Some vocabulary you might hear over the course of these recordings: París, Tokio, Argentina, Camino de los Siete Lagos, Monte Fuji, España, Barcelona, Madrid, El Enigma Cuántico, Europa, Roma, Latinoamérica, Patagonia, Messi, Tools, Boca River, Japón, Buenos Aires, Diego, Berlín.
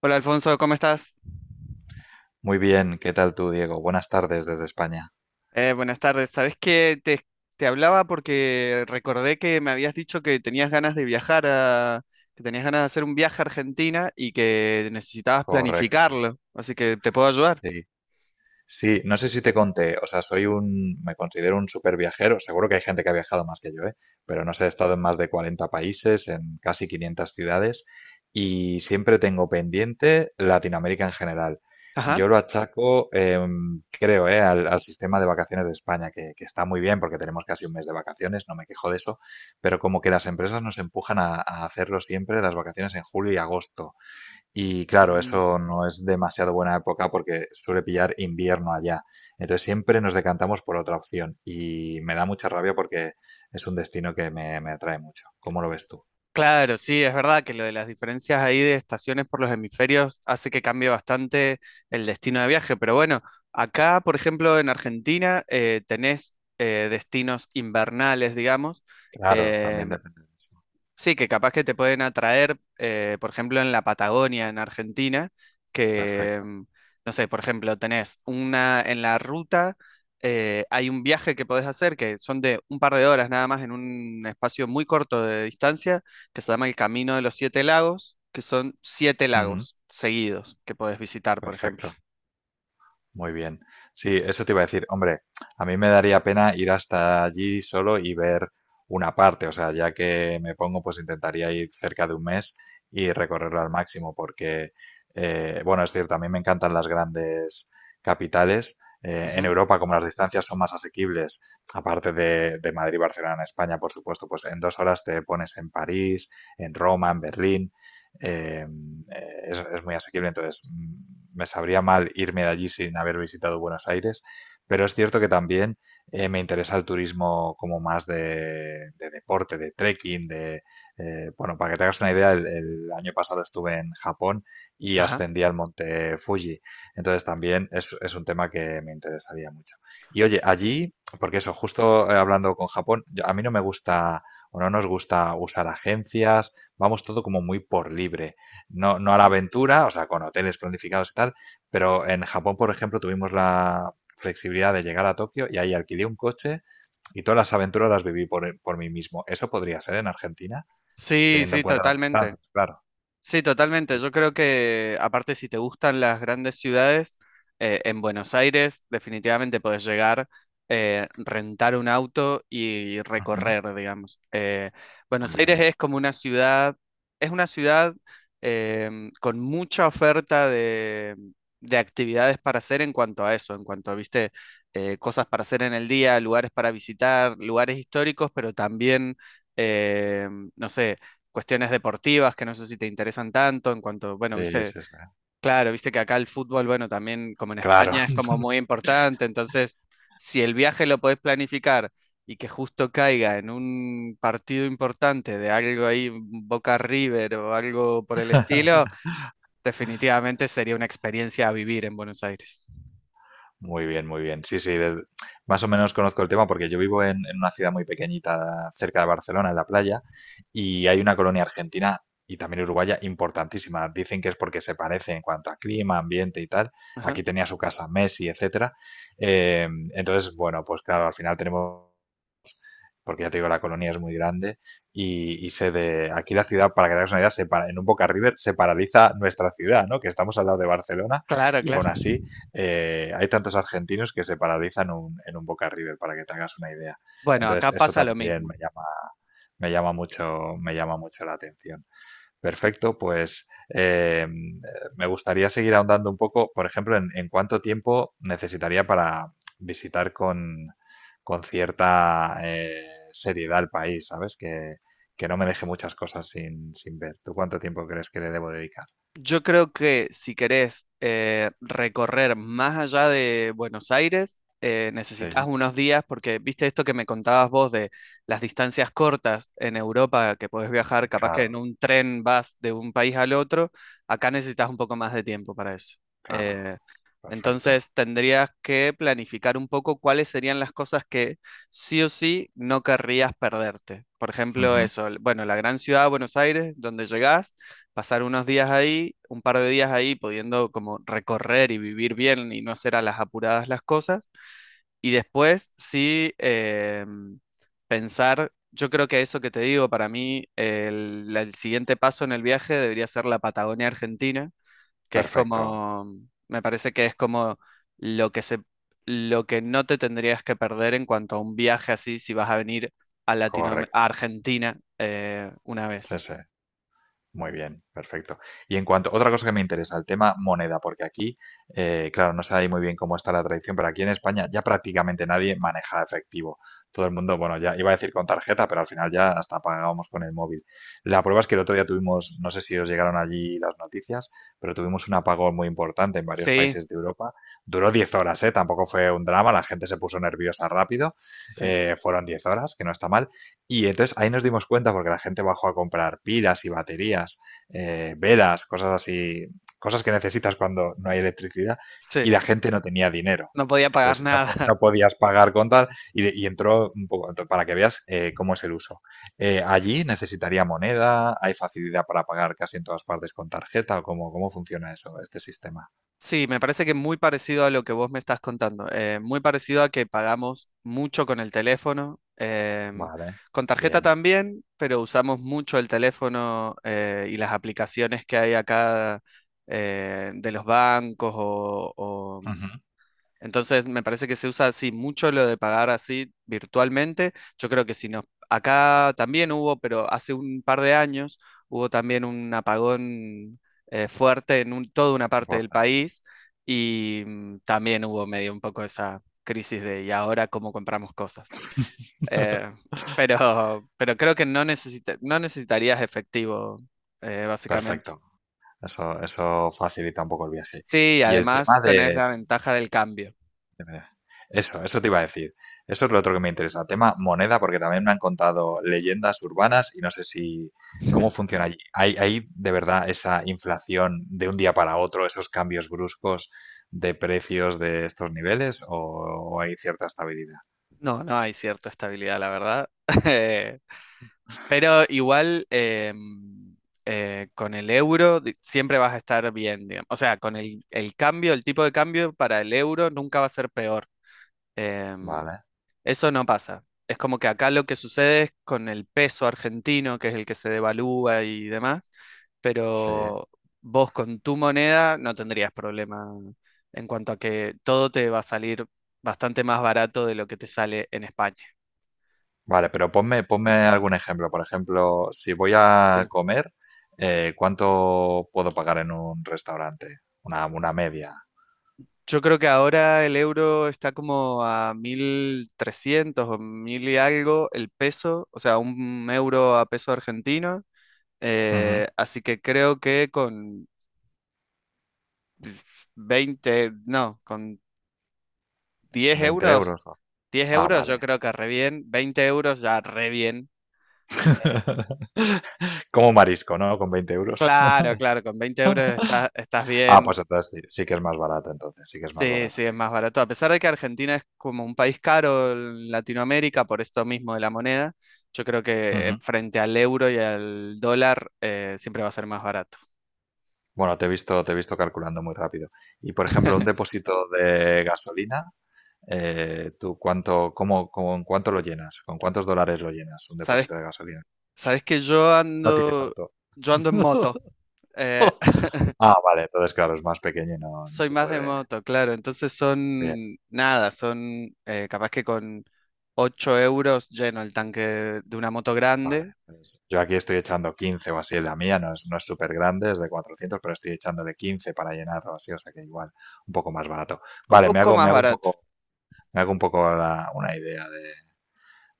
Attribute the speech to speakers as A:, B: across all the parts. A: Hola Alfonso, ¿cómo estás?
B: Muy bien, ¿qué tal tú, Diego? Buenas tardes desde España.
A: Buenas tardes. Te hablaba porque recordé que me habías dicho que tenías ganas de viajar a, que tenías ganas de hacer un viaje a Argentina y que necesitabas
B: Correcto.
A: planificarlo, así que te puedo ayudar.
B: Sí. Sí, no sé si te conté, o sea, me considero un super viajero, seguro que hay gente que ha viajado más que yo, ¿eh? Pero no sé, he estado en más de 40 países, en casi 500 ciudades y siempre tengo pendiente Latinoamérica en general.
A: Ajá.
B: Yo lo achaco, creo, ¿eh? Al sistema de vacaciones de España, que está muy bien porque tenemos casi un mes de vacaciones, no me quejo de eso, pero como que las empresas nos empujan a hacerlo siempre las vacaciones en julio y agosto. Y claro,
A: Mm,
B: eso no es demasiado buena época porque suele pillar invierno allá. Entonces siempre nos decantamos por otra opción y me da mucha rabia porque es un destino que me atrae mucho. ¿Cómo lo ves tú?
A: claro, sí, es verdad que lo de las diferencias ahí de estaciones por los hemisferios hace que cambie bastante el destino de viaje, pero bueno, acá, por ejemplo, en Argentina, tenés destinos invernales, digamos.
B: Claro,
A: eh,
B: también depende de eso.
A: Sí, que capaz que te pueden atraer, por ejemplo, en la Patagonia, en Argentina, que,
B: Perfecto.
A: mm, no sé, por ejemplo, tenés una, en la ruta, hay un viaje que podés hacer, que son de un par de horas nada más, en un espacio muy corto de distancia, que se llama el Camino de los Siete Lagos, que son siete
B: Ujú.
A: lagos seguidos que podés visitar, por ejemplo.
B: Perfecto. Muy bien. Sí, eso te iba a decir. Hombre, a mí me daría pena ir hasta allí solo y ver una parte. O sea, ya que me pongo, pues intentaría ir cerca de un mes y recorrerlo al máximo, porque, bueno, es cierto, a mí me encantan las grandes capitales. En
A: Ujú.
B: Europa, como las distancias son más asequibles, aparte de Madrid, Barcelona, en España, por supuesto, pues en dos horas te pones en París, en Roma, en Berlín. eh, Muy asequible, entonces me sabría mal irme de allí sin haber visitado Buenos Aires, pero es cierto que también me interesa el turismo como más de deporte, de trekking, bueno, para que te hagas una idea, el año pasado estuve en Japón y
A: Ajá.
B: ascendí al monte Fuji, entonces también es un tema que me interesaría mucho. Y oye, allí, porque eso, justo hablando con Japón, a mí no me gusta o no nos gusta usar agencias. Vamos todo como muy por libre, no a la
A: Sí.
B: aventura, o sea, con hoteles planificados y tal, pero en Japón, por ejemplo, tuvimos la flexibilidad de llegar a Tokio y ahí alquilé un coche y todas las aventuras las viví por mí mismo. ¿Eso podría ser en Argentina?
A: Sí,
B: Teniendo en
A: sí,
B: cuenta las
A: totalmente.
B: distancias, claro.
A: Sí, totalmente.
B: Sí.
A: Yo creo que, aparte, si te gustan las grandes ciudades, en Buenos Aires definitivamente podés llegar, rentar un auto y
B: Ujú,
A: recorrer, digamos.
B: muy
A: Buenos Aires
B: bien.
A: es como una ciudad, Es una ciudad con mucha de actividades para hacer en cuanto a eso, en cuanto a, viste, cosas para hacer en el día, lugares para visitar, lugares históricos, pero también no sé, cuestiones deportivas que no sé si te interesan tanto, en cuanto, bueno,
B: Sí,
A: viste,
B: sí, sí.
A: claro, viste que acá el fútbol, bueno, también como en
B: Claro.
A: España es como muy importante, entonces, si el viaje lo podés planificar y que justo caiga en un partido importante de algo ahí, Boca River o algo por el estilo, definitivamente sería una experiencia a vivir en Buenos Aires.
B: Muy bien, muy bien. Sí, sí, más o menos conozco el tema porque yo vivo en una ciudad muy pequeñita cerca de Barcelona, en la playa, y hay una colonia argentina y también uruguaya importantísima. Dicen que es porque se parece en cuanto a clima, ambiente y tal.
A: Ajá.
B: Aquí tenía su casa Messi, etcétera. Entonces, bueno, pues claro, al final tenemos porque ya te digo, la colonia es muy grande y aquí la ciudad, para que te hagas una idea, en un Boca River se paraliza nuestra ciudad, ¿no? Que estamos al lado de Barcelona
A: Claro,
B: y
A: claro.
B: aún así hay tantos argentinos que se paralizan en un Boca River, para que te hagas una idea.
A: Bueno,
B: Entonces,
A: acá
B: eso
A: pasa lo
B: también
A: mismo.
B: me llama mucho la atención. Perfecto, pues me gustaría seguir ahondando un poco, por ejemplo, en cuánto tiempo necesitaría para visitar con cierta seriedad el país, ¿sabes? Que no me deje muchas cosas sin ver. ¿Tú cuánto tiempo crees que le debo dedicar?
A: Yo creo que si querés recorrer más allá de Buenos Aires, necesitas
B: Sí,
A: unos días porque, viste esto que me contabas vos de las distancias cortas en Europa, que podés viajar, capaz que en
B: claro,
A: un tren vas de un país al otro, acá necesitas un poco más de tiempo para eso.
B: claro,
A: Eh,
B: perfecto.
A: entonces tendrías que planificar un poco cuáles serían las cosas que sí o sí no querrías perderte. Por ejemplo,
B: Ujú.
A: eso, el- bueno, la gran ciudad de Buenos Aires, donde llegás pasar unos días ahí, un par de días ahí, pudiendo como recorrer y vivir bien y no hacer a las apuradas las cosas. Y después sí pensar, yo creo que eso que te digo, para mí el siguiente paso en el viaje debería ser la Patagonia Argentina, que es
B: Perfecto,
A: como, me parece que es como lo que se, lo que no te tendrías que perder en cuanto a un viaje así si vas a venir a Latinoam- a
B: correcto.
A: Argentina una
B: Sí,
A: vez.
B: sí. Muy bien, perfecto. Y en cuanto, otra cosa que me interesa, el tema moneda, porque aquí, claro, no sé ahí muy bien cómo está la tradición, pero aquí en España ya prácticamente nadie maneja efectivo. Todo el mundo, bueno, ya iba a decir con tarjeta, pero al final ya hasta pagábamos con el móvil. La prueba es que el otro día tuvimos, no sé si os llegaron allí las noticias, pero tuvimos un apagón muy importante en varios
A: Sí,
B: países de Europa. Duró 10 horas, ¿eh? Tampoco fue un drama, la gente se puso nerviosa rápido.
A: sí.
B: Fueron 10 horas, que no está mal. Y entonces ahí nos dimos cuenta, porque la gente bajó a comprar pilas y baterías, velas, cosas así, cosas que necesitas cuando no hay electricidad,
A: Sí,
B: y la gente no tenía dinero.
A: no podía pagar
B: Entonces no,
A: nada.
B: no podías pagar con tal y entró un poco, para que veas cómo es el uso. Allí necesitaría moneda, ¿hay facilidad para pagar casi en todas partes con tarjeta, o cómo funciona eso, este sistema?
A: Sí, me parece que muy parecido a lo que vos me estás contando. Muy parecido a que pagamos mucho con el teléfono.
B: Vale,
A: Con tarjeta
B: bien.
A: también, pero usamos mucho el teléfono y las aplicaciones que hay acá de los bancos o,
B: Ujú.
A: entonces me parece que se usa así mucho lo de pagar así virtualmente. Yo creo que si nos, acá también hubo, pero hace un par de años hubo también un apagón fuerte en un- toda una parte del
B: Importante.
A: país y también hubo medio un poco esa crisis de y ahora cómo compramos cosas. Eh, pero creo que no necesitarías efectivo, básicamente.
B: Perfecto. Eso eso facilita un poco el viaje.
A: Sí,
B: Y el
A: además
B: tema
A: tenés la ventaja del cambio.
B: de- eso, eso te iba a decir. Eso es lo otro que me interesa. Tema moneda, porque también me han contado leyendas urbanas y no sé si cómo funciona allí. ¿Hay de verdad esa inflación de un día para otro, esos cambios bruscos de precios de estos niveles o hay cierta estabilidad?
A: No, no hay cierta estabilidad, la verdad. Eh, Pero igual em, con el siempre vas a estar bien, digamos. O sea, con el cambio, el tipo de cambio para el euro nunca va a ser peor. Em,
B: Vale,
A: Eso no pasa. Es como que acá lo que sucede es con el peso argentino, que es el que se devalúa y demás,
B: sí.
A: pero vos con tu moneda no tendrías problema en cuanto a que todo te va a salir bastante más barato de lo que te sale en España.
B: Vale, pero ponme, ponme algún ejemplo. Por ejemplo, si voy a comer, ¿cuánto puedo pagar en un restaurante? Una media.
A: Yo creo que ahora el euro está como a 1300 o 1.000 y algo el peso, o sea, un euro a peso argentino.
B: Ujú,
A: Así que creo que con 20 no, con 10
B: 20
A: euros,
B: euros. ¿No?
A: diez
B: Ah,
A: euros yo
B: vale.
A: creo que re bien, 20 euros ya re bien.
B: Como marisco, ¿no? Con veinte euros.
A: Claro, claro, con 20 euros estás, estás
B: Ah,
A: bien.
B: pues entonces sí, sí que es más barato, entonces, sí que es más
A: Sí,
B: barato
A: sí,
B: que
A: es
B: aquí.
A: más barato. A pesar de que Argentina es como un país caro en Latinoamérica, por esto mismo de la moneda, yo creo que
B: Ujú.
A: frente al euro y al dólar siempre va a ser más barato.
B: Bueno, te he visto calculando muy rápido. Y por ejemplo, un depósito de gasolina, ¿tú cuánto, cómo, con cuánto lo llenas? ¿Con cuántos dólares lo llenas un
A: ¿Sabes?
B: depósito de gasolina?
A: ¿Sabes que yo
B: No tienes
A: ando,
B: auto.
A: yo ando en moto? Eh,
B: Ah, vale, entonces claro, es más pequeño y no, no
A: soy
B: se
A: más de
B: puede.
A: moto, claro. Entonces
B: Bien,
A: son nada, son capaz que con 8 euros lleno el tanque de una moto
B: vale.
A: grande.
B: Pues yo aquí estoy echando 15 o así en la mía, no es, no es súper grande, es de 400, pero estoy echándole 15 para llenarlo así, o sea que igual, un poco más barato.
A: Un
B: Vale,
A: poco
B: me
A: más
B: hago un
A: barato.
B: poco, me hago un poco una idea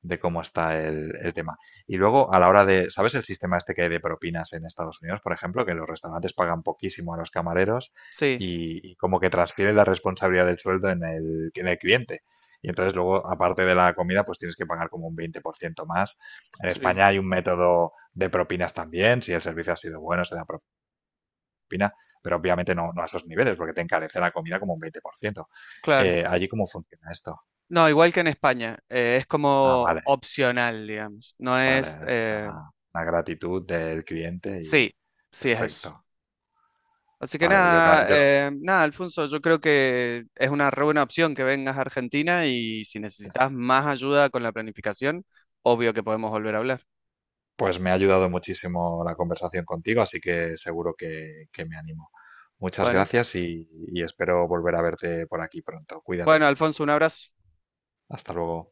B: de cómo está el tema. Y luego, a la hora de, ¿sabes el sistema este que hay de propinas en Estados Unidos, por ejemplo? Que los restaurantes pagan poquísimo a los camareros
A: Sí,
B: y como que transfieren la responsabilidad del sueldo en el cliente. Y entonces luego, aparte de la comida, pues tienes que pagar como un 20% más. En
A: sí,
B: España hay un método de propinas también. Si el servicio ha sido bueno, se da propina, pero obviamente no, no a esos niveles porque te encarece la comida como un 20%.
A: claro.
B: ¿Allí cómo funciona esto?
A: No, igual que en España, es
B: Ah,
A: como
B: vale.
A: opcional, digamos. No
B: Vale,
A: es...
B: es una gratitud del cliente y
A: sí, sí es eso.
B: perfecto.
A: Así que
B: Vale, pues yo,
A: nada, nada, Alfonso, yo creo que es una re buena opción que vengas a Argentina y si necesitas más ayuda con la planificación, obvio que podemos volver a hablar.
B: pues me ha ayudado muchísimo la conversación contigo, así que seguro que me animo. Muchas
A: Bueno,
B: gracias y espero volver a verte por aquí pronto. Cuídate.
A: bueno, Alfonso, un abrazo.
B: Hasta luego.